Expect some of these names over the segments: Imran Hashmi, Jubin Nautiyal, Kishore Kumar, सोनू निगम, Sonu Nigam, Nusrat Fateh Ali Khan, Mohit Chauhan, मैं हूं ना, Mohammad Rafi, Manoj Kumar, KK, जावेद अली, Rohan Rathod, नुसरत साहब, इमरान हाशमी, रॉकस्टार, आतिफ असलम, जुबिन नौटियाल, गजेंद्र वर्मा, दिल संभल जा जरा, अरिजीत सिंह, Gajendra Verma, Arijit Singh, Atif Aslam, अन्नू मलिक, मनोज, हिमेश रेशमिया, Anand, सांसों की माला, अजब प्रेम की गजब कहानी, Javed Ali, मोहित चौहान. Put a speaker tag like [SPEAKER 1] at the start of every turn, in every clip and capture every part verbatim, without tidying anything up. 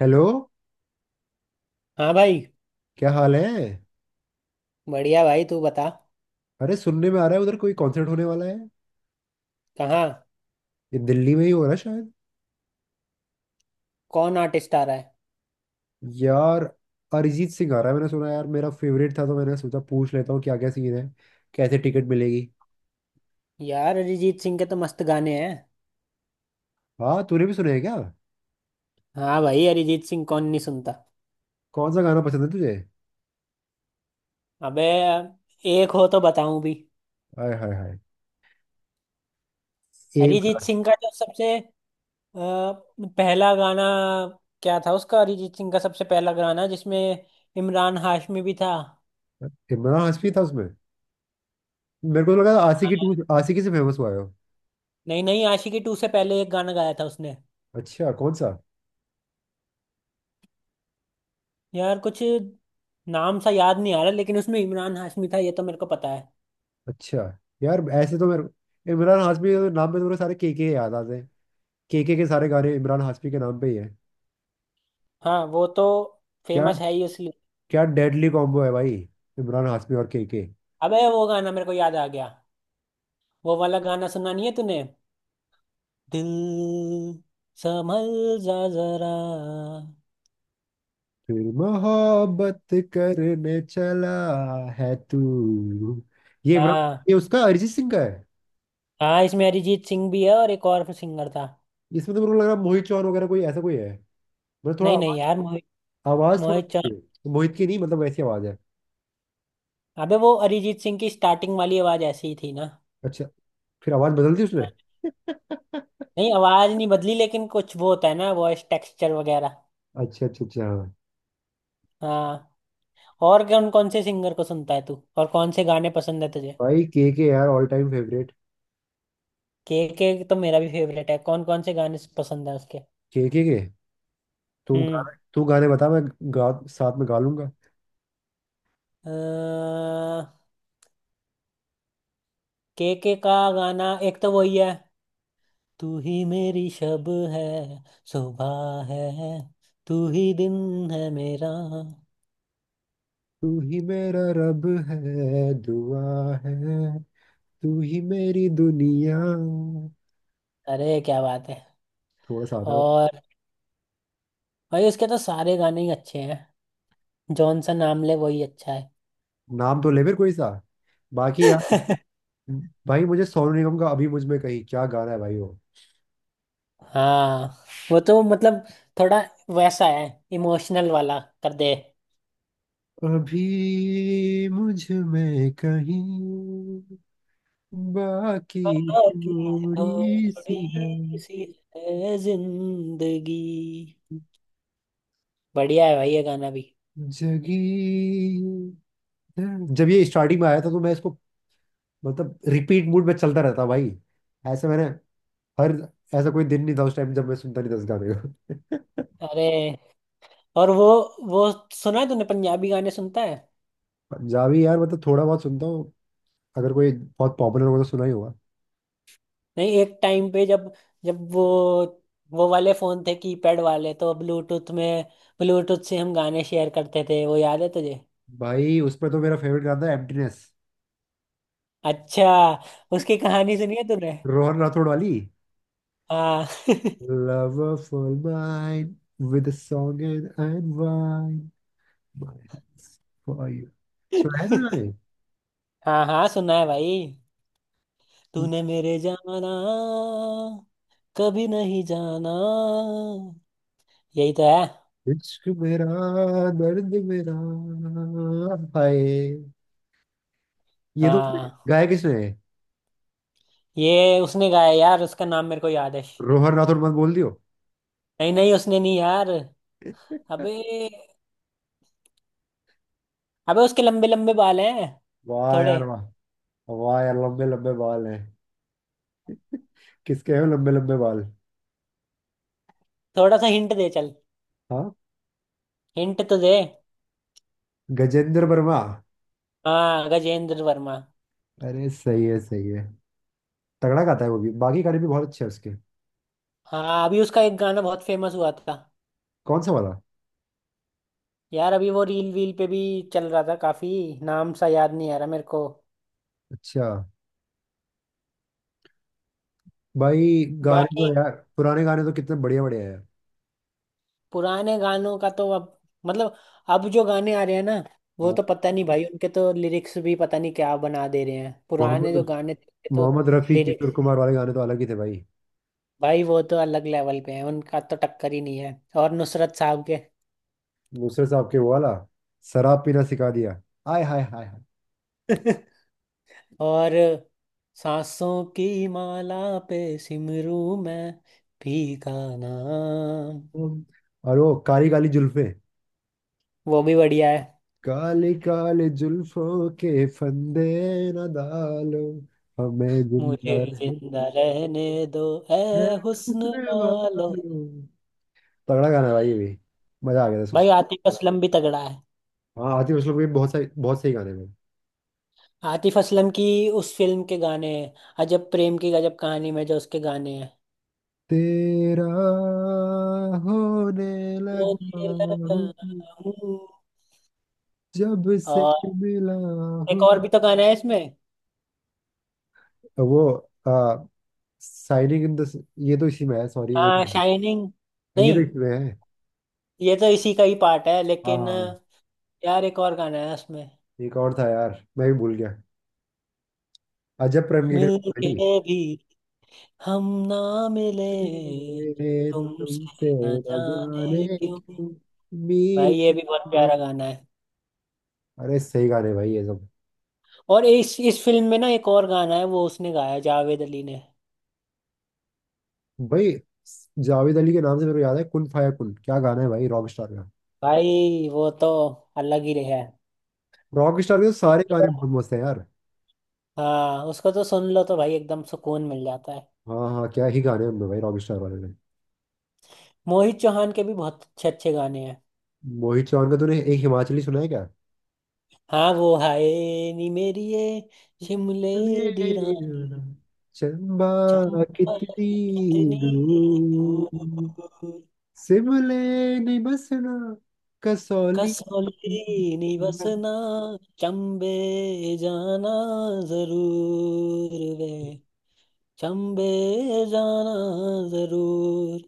[SPEAKER 1] Hello.
[SPEAKER 2] हाँ भाई।
[SPEAKER 1] क्या हाल है?
[SPEAKER 2] बढ़िया भाई, तू बता।
[SPEAKER 1] अरे, सुनने में आ रहा है उधर कोई कॉन्सर्ट होने वाला है।
[SPEAKER 2] कहाँ?
[SPEAKER 1] ये दिल्ली में ही हो रहा है शायद।
[SPEAKER 2] कौन आर्टिस्ट आ रहा है?
[SPEAKER 1] यार, अरिजीत सिंह आ रहा है, मैंने सुना। यार मेरा फेवरेट था, तो मैंने सोचा पूछ लेता हूँ क्या क्या सीन है। कैसे टिकट मिलेगी?
[SPEAKER 2] यार, अरिजीत सिंह के तो मस्त गाने हैं।
[SPEAKER 1] हाँ, तूने भी सुना है क्या?
[SPEAKER 2] हाँ भाई, अरिजीत सिंह कौन नहीं सुनता।
[SPEAKER 1] कौन सा गाना पसंद है तुझे?
[SPEAKER 2] अबे, एक हो तो बताऊं भी।
[SPEAKER 1] हाय हाय हाय! एक।
[SPEAKER 2] अरिजीत सिंह का जो सबसे अ, पहला गाना क्या था उसका? अरिजीत सिंह का सबसे पहला गाना जिसमें इमरान हाशमी भी था।
[SPEAKER 1] इमरान हाशमी था उसमें? मेरे को तो लगा आशिकी टू,
[SPEAKER 2] हाँ।
[SPEAKER 1] आशिकी से फेमस हुआ है वो।
[SPEAKER 2] नहीं नहीं, आशिकी टू से पहले एक गाना गाया था उसने।
[SPEAKER 1] अच्छा, कौन सा?
[SPEAKER 2] यार, कुछ नाम सा याद नहीं आ रहा, लेकिन उसमें इमरान हाशमी था, ये तो मेरे को पता है।
[SPEAKER 1] अच्छा। यार ऐसे तो मेरे इमरान हाशमी के नाम पे तो मेरे सारे के के याद आते हैं। के के के सारे गाने इमरान हाशमी के नाम पे ही है।
[SPEAKER 2] हाँ, वो तो
[SPEAKER 1] क्या,
[SPEAKER 2] फेमस है ही इसलिए।
[SPEAKER 1] क्या डेडली कॉम्बो है भाई! इमरान हाशमी और केके।
[SPEAKER 2] अबे, वो गाना मेरे को याद आ गया। वो वाला गाना सुना नहीं है तूने? दिल संभल जा जरा।
[SPEAKER 1] फिर मोहब्बत करने चला है तू। ये इमरान
[SPEAKER 2] हाँ
[SPEAKER 1] ये उसका अरिजीत सिंह का है।
[SPEAKER 2] हाँ, इसमें अरिजीत सिंह भी है, और एक और सिंगर था।
[SPEAKER 1] इसमें तो मेरे को लग रहा है मोहित चौहान वगैरह कोई ऐसा कोई है। मतलब थोड़ा
[SPEAKER 2] नहीं नहीं
[SPEAKER 1] आवाज
[SPEAKER 2] यार, मोहित।
[SPEAKER 1] आवाज थोड़ा
[SPEAKER 2] मोहित चौहान।
[SPEAKER 1] वैसी है। तो मोहित की नहीं, मतलब वैसी आवाज है।
[SPEAKER 2] अबे, वो अरिजीत सिंह की स्टार्टिंग वाली आवाज ऐसी ही थी ना।
[SPEAKER 1] अच्छा, फिर आवाज बदल दी उसने?
[SPEAKER 2] हाँ, नहीं, आवाज नहीं बदली, लेकिन कुछ वो होता है ना, वॉइस टेक्सचर वगैरह।
[SPEAKER 1] अच्छा अच्छा अच्छा, हाँ।
[SPEAKER 2] हाँ। और कौन कौन से सिंगर को सुनता है तू? और कौन से गाने पसंद है तुझे?
[SPEAKER 1] भाई के के यार ऑल टाइम फेवरेट।
[SPEAKER 2] के के तो मेरा भी फेवरेट है। कौन कौन से गाने पसंद है उसके?
[SPEAKER 1] के के के। तू
[SPEAKER 2] हम्म
[SPEAKER 1] गाने तू गाने बता, मैं गा, साथ में गा लूंगा।
[SPEAKER 2] के के का गाना एक तो वही है। तू ही मेरी शब है, सुबह है, तू ही दिन है मेरा।
[SPEAKER 1] तू ही मेरा रब है, दुआ है, तू ही मेरी दुनिया।
[SPEAKER 2] अरे, क्या बात है।
[SPEAKER 1] थोड़ा सा आता है।
[SPEAKER 2] और भाई, उसके तो सारे गाने ही अच्छे हैं। जॉनसन आमले वही अच्छा है।
[SPEAKER 1] नाम तो ले मेरे, कोई सा। बाकी यार। भाई, मुझे सोनू निगम का "अभी मुझ में कहीं" क्या गाना है भाई वो!
[SPEAKER 2] हाँ, वो तो मतलब थोड़ा वैसा है। इमोशनल वाला कर दे।
[SPEAKER 1] अभी मुझ में कहीं, बाकी,
[SPEAKER 2] बला की
[SPEAKER 1] थोड़ी
[SPEAKER 2] थोड़ी
[SPEAKER 1] सी है
[SPEAKER 2] सी है जिंदगी। बढ़िया है भाई ये गाना भी।
[SPEAKER 1] जगी। जब ये स्टार्टिंग में आया था तो मैं इसको, मतलब, रिपीट मूड में चलता रहता भाई। ऐसे मैंने, हर ऐसा कोई दिन नहीं था उस टाइम जब मैं सुनता नहीं था इस गाने को।
[SPEAKER 2] अरे, और वो वो सुना है तूने? पंजाबी गाने सुनता है?
[SPEAKER 1] पंजाबी, यार मतलब थोड़ा बहुत सुनता हूँ। अगर कोई बहुत पॉपुलर होगा तो सुना ही होगा।
[SPEAKER 2] नहीं, एक टाइम पे जब जब वो वो वाले फोन थे कीपैड वाले, तो ब्लूटूथ में ब्लूटूथ से हम गाने शेयर करते थे, वो याद है तुझे?
[SPEAKER 1] भाई उस पर तो मेरा फेवरेट गाना था, एम्प्टीनेस।
[SPEAKER 2] अच्छा, उसकी कहानी सुनी है तूने?
[SPEAKER 1] रोहन राठौड़ वाली?
[SPEAKER 2] हाँ।
[SPEAKER 1] Love for mine, with song and wine, my hands for you. सुना है मैंने गाने?
[SPEAKER 2] हाँ हाँ, सुना है भाई। तूने मेरे जाना, कभी नहीं जाना, यही तो है।
[SPEAKER 1] इश्क मेरा, दर्द मेरा, हाय! ये तो,
[SPEAKER 2] हाँ,
[SPEAKER 1] गाया किसने है?
[SPEAKER 2] ये उसने गाया यार, उसका नाम मेरे को याद है।
[SPEAKER 1] रोहन राठौड़ मत बोल दियो।
[SPEAKER 2] नहीं नहीं, उसने नहीं यार। अबे अबे, उसके लंबे लंबे बाल हैं
[SPEAKER 1] वाह
[SPEAKER 2] थोड़े।
[SPEAKER 1] यार वाह! वाह यार, लंबे लंबे बाल हैं! किसके हैं वो लंबे लंबे बाल?
[SPEAKER 2] थोड़ा सा हिंट दे चल।
[SPEAKER 1] हाँ,
[SPEAKER 2] हिंट तो दे।
[SPEAKER 1] गजेंद्र वर्मा।
[SPEAKER 2] हाँ, गजेंद्र वर्मा।
[SPEAKER 1] अरे सही है सही है। तगड़ा गाता है वो भी, बाकी गाने भी बहुत अच्छे हैं उसके।
[SPEAKER 2] हाँ, अभी उसका एक गाना बहुत फेमस हुआ था।
[SPEAKER 1] कौन सा वाला?
[SPEAKER 2] यार, अभी वो रील वील पे भी चल रहा था काफी। नाम सा याद नहीं आ रहा मेरे को।
[SPEAKER 1] अच्छा। भाई गाने तो
[SPEAKER 2] बाकी
[SPEAKER 1] यार, पुराने गाने तो कितने बढ़िया बढ़िया है।
[SPEAKER 2] पुराने गानों का तो अब, मतलब अब जो गाने आ रहे हैं ना, वो
[SPEAKER 1] हाँ,
[SPEAKER 2] तो पता नहीं भाई, उनके तो लिरिक्स भी पता नहीं क्या बना दे रहे हैं। पुराने
[SPEAKER 1] मोहम्मद
[SPEAKER 2] जो गाने थे, उनके तो
[SPEAKER 1] मोहम्मद रफ़ी, किशोर
[SPEAKER 2] लिरिक्स।
[SPEAKER 1] कुमार वाले गाने तो अलग ही थे भाई।
[SPEAKER 2] भाई वो तो अलग लेवल पे हैं, उनका तो टक्कर ही नहीं है। और नुसरत साहब के।
[SPEAKER 1] नुसरत साहब के वो वाला, शराब पीना सिखा दिया, आय हाय हाय हाय!
[SPEAKER 2] और सांसों की माला पे सिमरू मैं, भी का नाम।
[SPEAKER 1] वो- और वो काली काली जुल्फे,
[SPEAKER 2] वो भी बढ़िया है।
[SPEAKER 1] काली काली जुल्फों के फंदे न डालो, हमें
[SPEAKER 2] मुझे
[SPEAKER 1] जिंदा रहने
[SPEAKER 2] जिंदा रहने दो, ए हुस्न वालो।
[SPEAKER 1] दो। तगड़ा गाना है भाई ये भी, मजा आ गया था।
[SPEAKER 2] भाई आतिफ असलम भी तगड़ा है।
[SPEAKER 1] हाँ, आतिफ असलम के बहुत सही बहुत सही गाने हैं।
[SPEAKER 2] आतिफ असलम की उस फिल्म के गाने हैं, अजब प्रेम की गजब कहानी में जो उसके गाने हैं।
[SPEAKER 1] तेरा होने लगा
[SPEAKER 2] रोने लगा
[SPEAKER 1] हूँ
[SPEAKER 2] हूँ।
[SPEAKER 1] जब से
[SPEAKER 2] और
[SPEAKER 1] मिला
[SPEAKER 2] एक
[SPEAKER 1] हूँ।
[SPEAKER 2] और भी तो गाना है इसमें।
[SPEAKER 1] वो आ, साइनिंग इन द, ये तो इसी में है, सॉरी। एक,
[SPEAKER 2] हाँ, शाइनिंग
[SPEAKER 1] ये तो
[SPEAKER 2] नहीं।
[SPEAKER 1] इसी में है।
[SPEAKER 2] ये तो इसी का ही पार्ट है लेकिन।
[SPEAKER 1] हाँ,
[SPEAKER 2] यार, एक और गाना है उसमें।
[SPEAKER 1] एक और था यार, मैं भी भूल गया। अजब प्रेम की
[SPEAKER 2] मिलके
[SPEAKER 1] कहानी।
[SPEAKER 2] भी हम ना मिले,
[SPEAKER 1] तेरे
[SPEAKER 2] तुमसे
[SPEAKER 1] तुमसे
[SPEAKER 2] ना
[SPEAKER 1] न जाने
[SPEAKER 2] जाने क्यों।
[SPEAKER 1] क्यों मिल
[SPEAKER 2] भाई, ये भी बहुत
[SPEAKER 1] गए।
[SPEAKER 2] प्यारा गाना है।
[SPEAKER 1] अरे सही गाने भाई ये सब।
[SPEAKER 2] और इस इस फिल्म में ना, एक और गाना है वो उसने गाया जावेद अली ने।
[SPEAKER 1] भाई, जावेद अली के नाम से मेरे को याद है कुन फाया कुन, क्या गाना है भाई रॉक स्टार का!
[SPEAKER 2] भाई, वो तो अलग ही रहा है।
[SPEAKER 1] रॉक स्टार के तो सारे गाने
[SPEAKER 2] उसको
[SPEAKER 1] बहुत मस्त है यार।
[SPEAKER 2] हाँ, उसको तो सुन लो तो भाई एकदम सुकून मिल जाता है।
[SPEAKER 1] हाँ हाँ, क्या ही गाने हैं उनमें भाई रॉक स्टार वाले ने।
[SPEAKER 2] मोहित चौहान के भी बहुत अच्छे अच्छे गाने हैं।
[SPEAKER 1] मोहित चौहान का तूने एक हिमाचली सुना है क्या?
[SPEAKER 2] हाँ, वो हाय नी मेरी ये, शिमले दी
[SPEAKER 1] सुनहरी
[SPEAKER 2] रानी,
[SPEAKER 1] रात, चंबा
[SPEAKER 2] चंपा
[SPEAKER 1] कितनी
[SPEAKER 2] कितनी
[SPEAKER 1] दूर,
[SPEAKER 2] दूर।
[SPEAKER 1] सिमले नहीं बसना कसौली।
[SPEAKER 2] कसौली नहीं बसना, चंबे जाना जरूर वे,
[SPEAKER 1] गाना
[SPEAKER 2] चंबे जाना जरूर।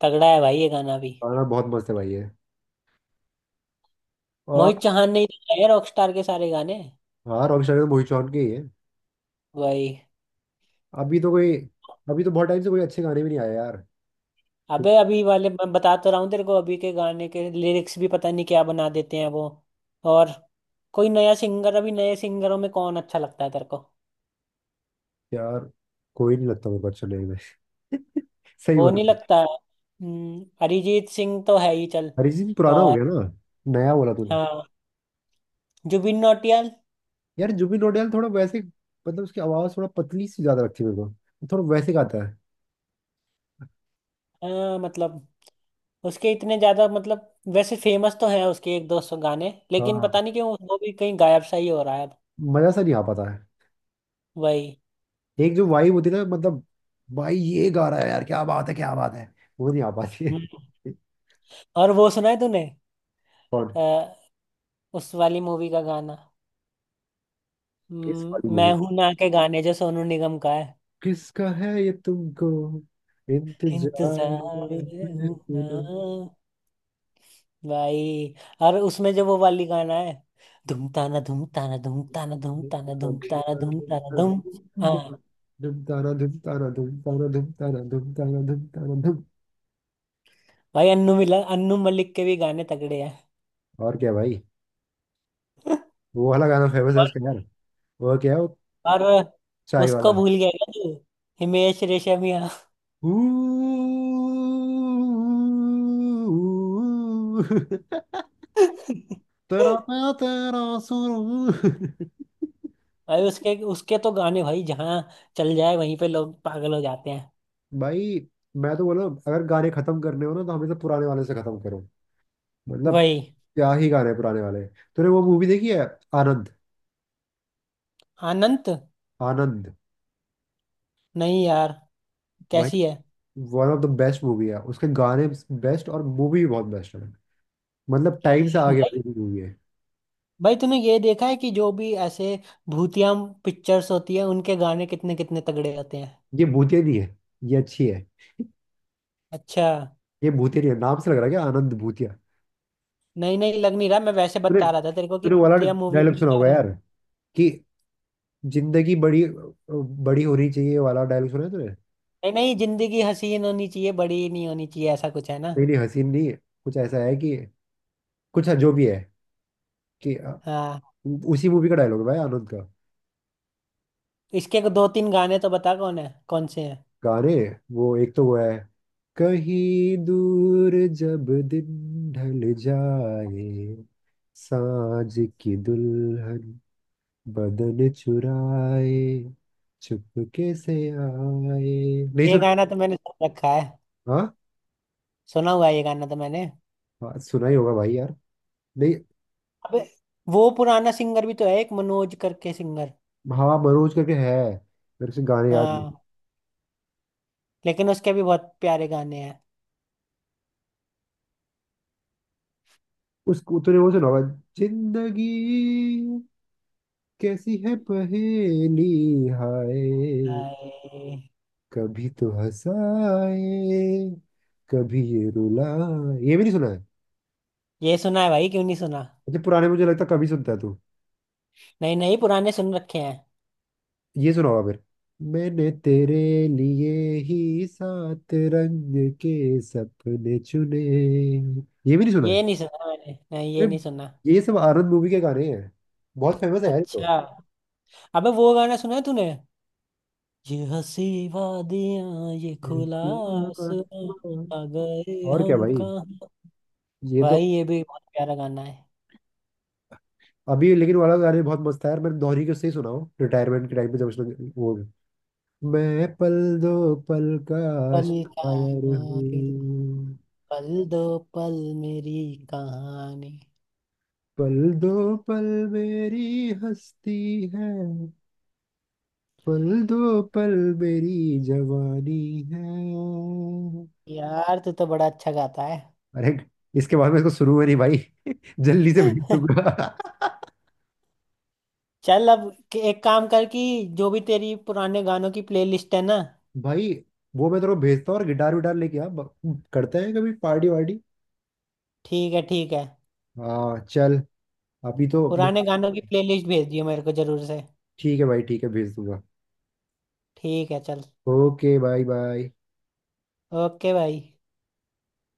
[SPEAKER 2] तगड़ा है भाई ये गाना भी।
[SPEAKER 1] बहुत मस्त है भाई ये।
[SPEAKER 2] मोहित
[SPEAKER 1] और
[SPEAKER 2] चौहान ने ही तो गाए रॉकस्टार के सारे गाने।
[SPEAKER 1] हाँ, रॉक स्टार तो मोहित चौहान के ही है।
[SPEAKER 2] भाई।
[SPEAKER 1] अभी तो कोई अभी तो बहुत टाइम से कोई अच्छे गाने भी नहीं आए यार।
[SPEAKER 2] अबे, अभी वाले मैं बता तो रहा हूँ तेरे को, अभी के गाने के लिरिक्स भी पता नहीं क्या बना देते हैं वो। और कोई नया सिंगर अभी नए सिंगरों में कौन अच्छा लगता है तेरे को?
[SPEAKER 1] यार कोई नहीं लगता मेरे को अच्छा, नहीं में सही
[SPEAKER 2] वो
[SPEAKER 1] बता।
[SPEAKER 2] नहीं लगता है? हम्म, अरिजीत सिंह तो है ही, चल।
[SPEAKER 1] अरिजीत सिंह पुराना हो
[SPEAKER 2] और
[SPEAKER 1] गया ना। नया बोला तूने।
[SPEAKER 2] हाँ, जुबिन नौटियाल।
[SPEAKER 1] यार जुबिन नौटियाल थोड़ा वैसे, मतलब उसकी आवाज थोड़ा पतली सी ज्यादा लगती है मेरे को, थोड़ा वैसे गाता है।
[SPEAKER 2] अ, मतलब उसके इतने ज्यादा, मतलब वैसे फेमस तो हैं उसके एक दो सौ गाने, लेकिन
[SPEAKER 1] हाँ,
[SPEAKER 2] पता नहीं क्यों वो भी कहीं गायब सा ही हो रहा है अब।
[SPEAKER 1] मजा सा नहीं आ पाता है।
[SPEAKER 2] वही।
[SPEAKER 1] एक जो वाइब होती है ना, मतलब भाई ये गा रहा है यार, क्या बात है क्या बात है! वो नहीं आ पाती है।
[SPEAKER 2] हम्म, और वो सुना है तूने?
[SPEAKER 1] कौन?
[SPEAKER 2] अ, उस वाली मूवी का गाना।
[SPEAKER 1] किस वाली
[SPEAKER 2] हम्म,
[SPEAKER 1] मूवी?
[SPEAKER 2] मैं हूं ना के गाने जो सोनू निगम का है।
[SPEAKER 1] किसका है ये, तुमको इंतजार
[SPEAKER 2] इंतजार में
[SPEAKER 1] है?
[SPEAKER 2] हूं ना। भाई, और उसमें जो वो वाली गाना है, धूम ताना धूम ताना धूम ताना धूम
[SPEAKER 1] धुम
[SPEAKER 2] ताना धूम ताना धूम ताना धूम। हाँ
[SPEAKER 1] ताना धुम ताना धुम ताना धुम ताना धुम ताना धुम ताना धुम।
[SPEAKER 2] भाई, अन्नू मिला अन्नू मलिक के भी गाने तगड़े हैं।
[SPEAKER 1] और क्या भाई, वो वाला गाना फेमस है उसका यार। वो क्या है वो,
[SPEAKER 2] और
[SPEAKER 1] चाय
[SPEAKER 2] उसको
[SPEAKER 1] वाला।
[SPEAKER 2] भूल गया क्या तू? हिमेश रेशमिया।
[SPEAKER 1] ऊ- तेरा, मैं तेरा सुरूर।
[SPEAKER 2] भाई, उसके उसके तो गाने भाई, जहाँ चल जाए वहीं पे लोग पागल हो जाते हैं।
[SPEAKER 1] भाई मैं तो बोला, अगर गाने खत्म करने हो ना तो हमेशा पुराने वाले से खत्म करो। मतलब,
[SPEAKER 2] वही।
[SPEAKER 1] क्या ही गाने हैं पुराने वाले। तूने वो मूवी देखी है, आनंद?
[SPEAKER 2] अनंत।
[SPEAKER 1] आनंद।
[SPEAKER 2] नहीं यार,
[SPEAKER 1] भाई
[SPEAKER 2] कैसी है?
[SPEAKER 1] One of the best movie है, उसके गाने बेस्ट और मूवी भी बहुत बेस्ट है। मतलब टाइम से आगे
[SPEAKER 2] भाई
[SPEAKER 1] वाली मूवी है।
[SPEAKER 2] भाई, तूने ये देखा है कि जो भी ऐसे भूतिया पिक्चर्स होती है, उनके गाने कितने कितने तगड़े होते हैं।
[SPEAKER 1] ये भूतिया नहीं है, ये अच्छी है।
[SPEAKER 2] अच्छा।
[SPEAKER 1] ये भूतिया नहीं है, नाम से लग रहा है क्या आनंद भूतिया।
[SPEAKER 2] नहीं नहीं, लग नहीं रहा। मैं वैसे
[SPEAKER 1] तूने
[SPEAKER 2] बता रहा था तेरे को कि
[SPEAKER 1] तूने वो वाला
[SPEAKER 2] भूतिया मूवी
[SPEAKER 1] डायलॉग
[SPEAKER 2] होने
[SPEAKER 1] सुना
[SPEAKER 2] जा
[SPEAKER 1] होगा
[SPEAKER 2] रहे हैं।
[SPEAKER 1] यार, कि जिंदगी बड़ी बड़ी होनी चाहिए, ये वाला डायलॉग सुना है तूने?
[SPEAKER 2] नहीं नहीं, जिंदगी हसीन होनी चाहिए, बड़ी नहीं होनी चाहिए, ऐसा कुछ है ना।
[SPEAKER 1] नहीं नहीं, हसीन नहीं है, कुछ ऐसा है कि, कुछ है जो भी है, कि अ,
[SPEAKER 2] हाँ।
[SPEAKER 1] उसी मूवी का डायलॉग है भाई, आनंद का।
[SPEAKER 2] इसके दो तीन गाने तो बता, कौन है, कौन से हैं?
[SPEAKER 1] गाने, वो एक तो वो है, कहीं दूर जब दिन ढल जाए, साँझ की दुल्हन बदन चुराए, चुपके से आए नहीं
[SPEAKER 2] ये
[SPEAKER 1] सुन।
[SPEAKER 2] गाना तो मैंने सुन रखा है।
[SPEAKER 1] हाँ,
[SPEAKER 2] सुना हुआ है ये गाना तो मैंने।
[SPEAKER 1] हाँ सुना ही होगा भाई यार। नहीं,
[SPEAKER 2] अबे, वो पुराना सिंगर भी तो है, एक मनोज करके सिंगर।
[SPEAKER 1] हाँ मनोज करके है। मेरे से गाने याद नहीं।
[SPEAKER 2] हाँ, लेकिन उसके भी बहुत प्यारे गाने हैं।
[SPEAKER 1] उसको तूने वो सुना होगा, जिंदगी कैसी है पहेली, हाय!
[SPEAKER 2] हाय।
[SPEAKER 1] कभी तो हंसाए, कभी ये रुलाए, ये भी नहीं सुना है?
[SPEAKER 2] ये सुना है भाई, क्यों नहीं सुना।
[SPEAKER 1] मतलब पुराने, मुझे लगता है कभी सुनता है तू।
[SPEAKER 2] नहीं नहीं, पुराने सुन रखे हैं।
[SPEAKER 1] ये सुना होगा फिर, मैंने तेरे लिए ही सात रंग के सपने चुने, ये भी नहीं सुना
[SPEAKER 2] ये
[SPEAKER 1] है?
[SPEAKER 2] नहीं सुना मैंने, नहीं ये
[SPEAKER 1] अरे,
[SPEAKER 2] नहीं सुना।
[SPEAKER 1] ये सब आनंद मूवी के गाने हैं, बहुत फेमस है यार ये तो।
[SPEAKER 2] अच्छा। अबे, वो गाना सुना है तूने? ये हंसी वादियां, ये खुला
[SPEAKER 1] देखना
[SPEAKER 2] आसमां,
[SPEAKER 1] आसमान।
[SPEAKER 2] आ गए
[SPEAKER 1] और क्या
[SPEAKER 2] हम
[SPEAKER 1] भाई,
[SPEAKER 2] कहाँ।
[SPEAKER 1] ये तो
[SPEAKER 2] भाई, ये भी बहुत प्यारा गाना है।
[SPEAKER 1] अभी लेकिन वाला गाने बहुत मस्त है यार, मैंने दोहरी के उससे ही सुना हो, रिटायरमेंट के टाइम पे जब उसने वो, मैं पल दो पल का
[SPEAKER 2] पल कहाँ,
[SPEAKER 1] शायर
[SPEAKER 2] इस
[SPEAKER 1] हूँ,
[SPEAKER 2] पल दो पल मेरी कहानी।
[SPEAKER 1] पल दो पल मेरी हस्ती है, पल दो पल मेरी जवानी है।
[SPEAKER 2] यार, तू तो बड़ा अच्छा गाता है।
[SPEAKER 1] अरे इसके बाद में, इसको शुरू में नहीं भाई। जल्दी से भेज दूंगा।
[SPEAKER 2] चल, अब क- एक काम कर कि जो भी तेरी पुराने गानों की प्लेलिस्ट है ना।
[SPEAKER 1] भाई वो मैं तेरे को भेजता हूँ, और गिटार विटार लेके आ, ब- करते हैं कभी पार्टी वार्टी।
[SPEAKER 2] ठीक है, ठीक है।
[SPEAKER 1] हाँ चल, अभी तो मैं-।
[SPEAKER 2] पुराने गानों की प्लेलिस्ट भेज दियो मेरे को जरूर से।
[SPEAKER 1] ठीक है भाई, ठीक है, भेज दूंगा।
[SPEAKER 2] ठीक है, चल।
[SPEAKER 1] Okay, bye bye.
[SPEAKER 2] ओके भाई।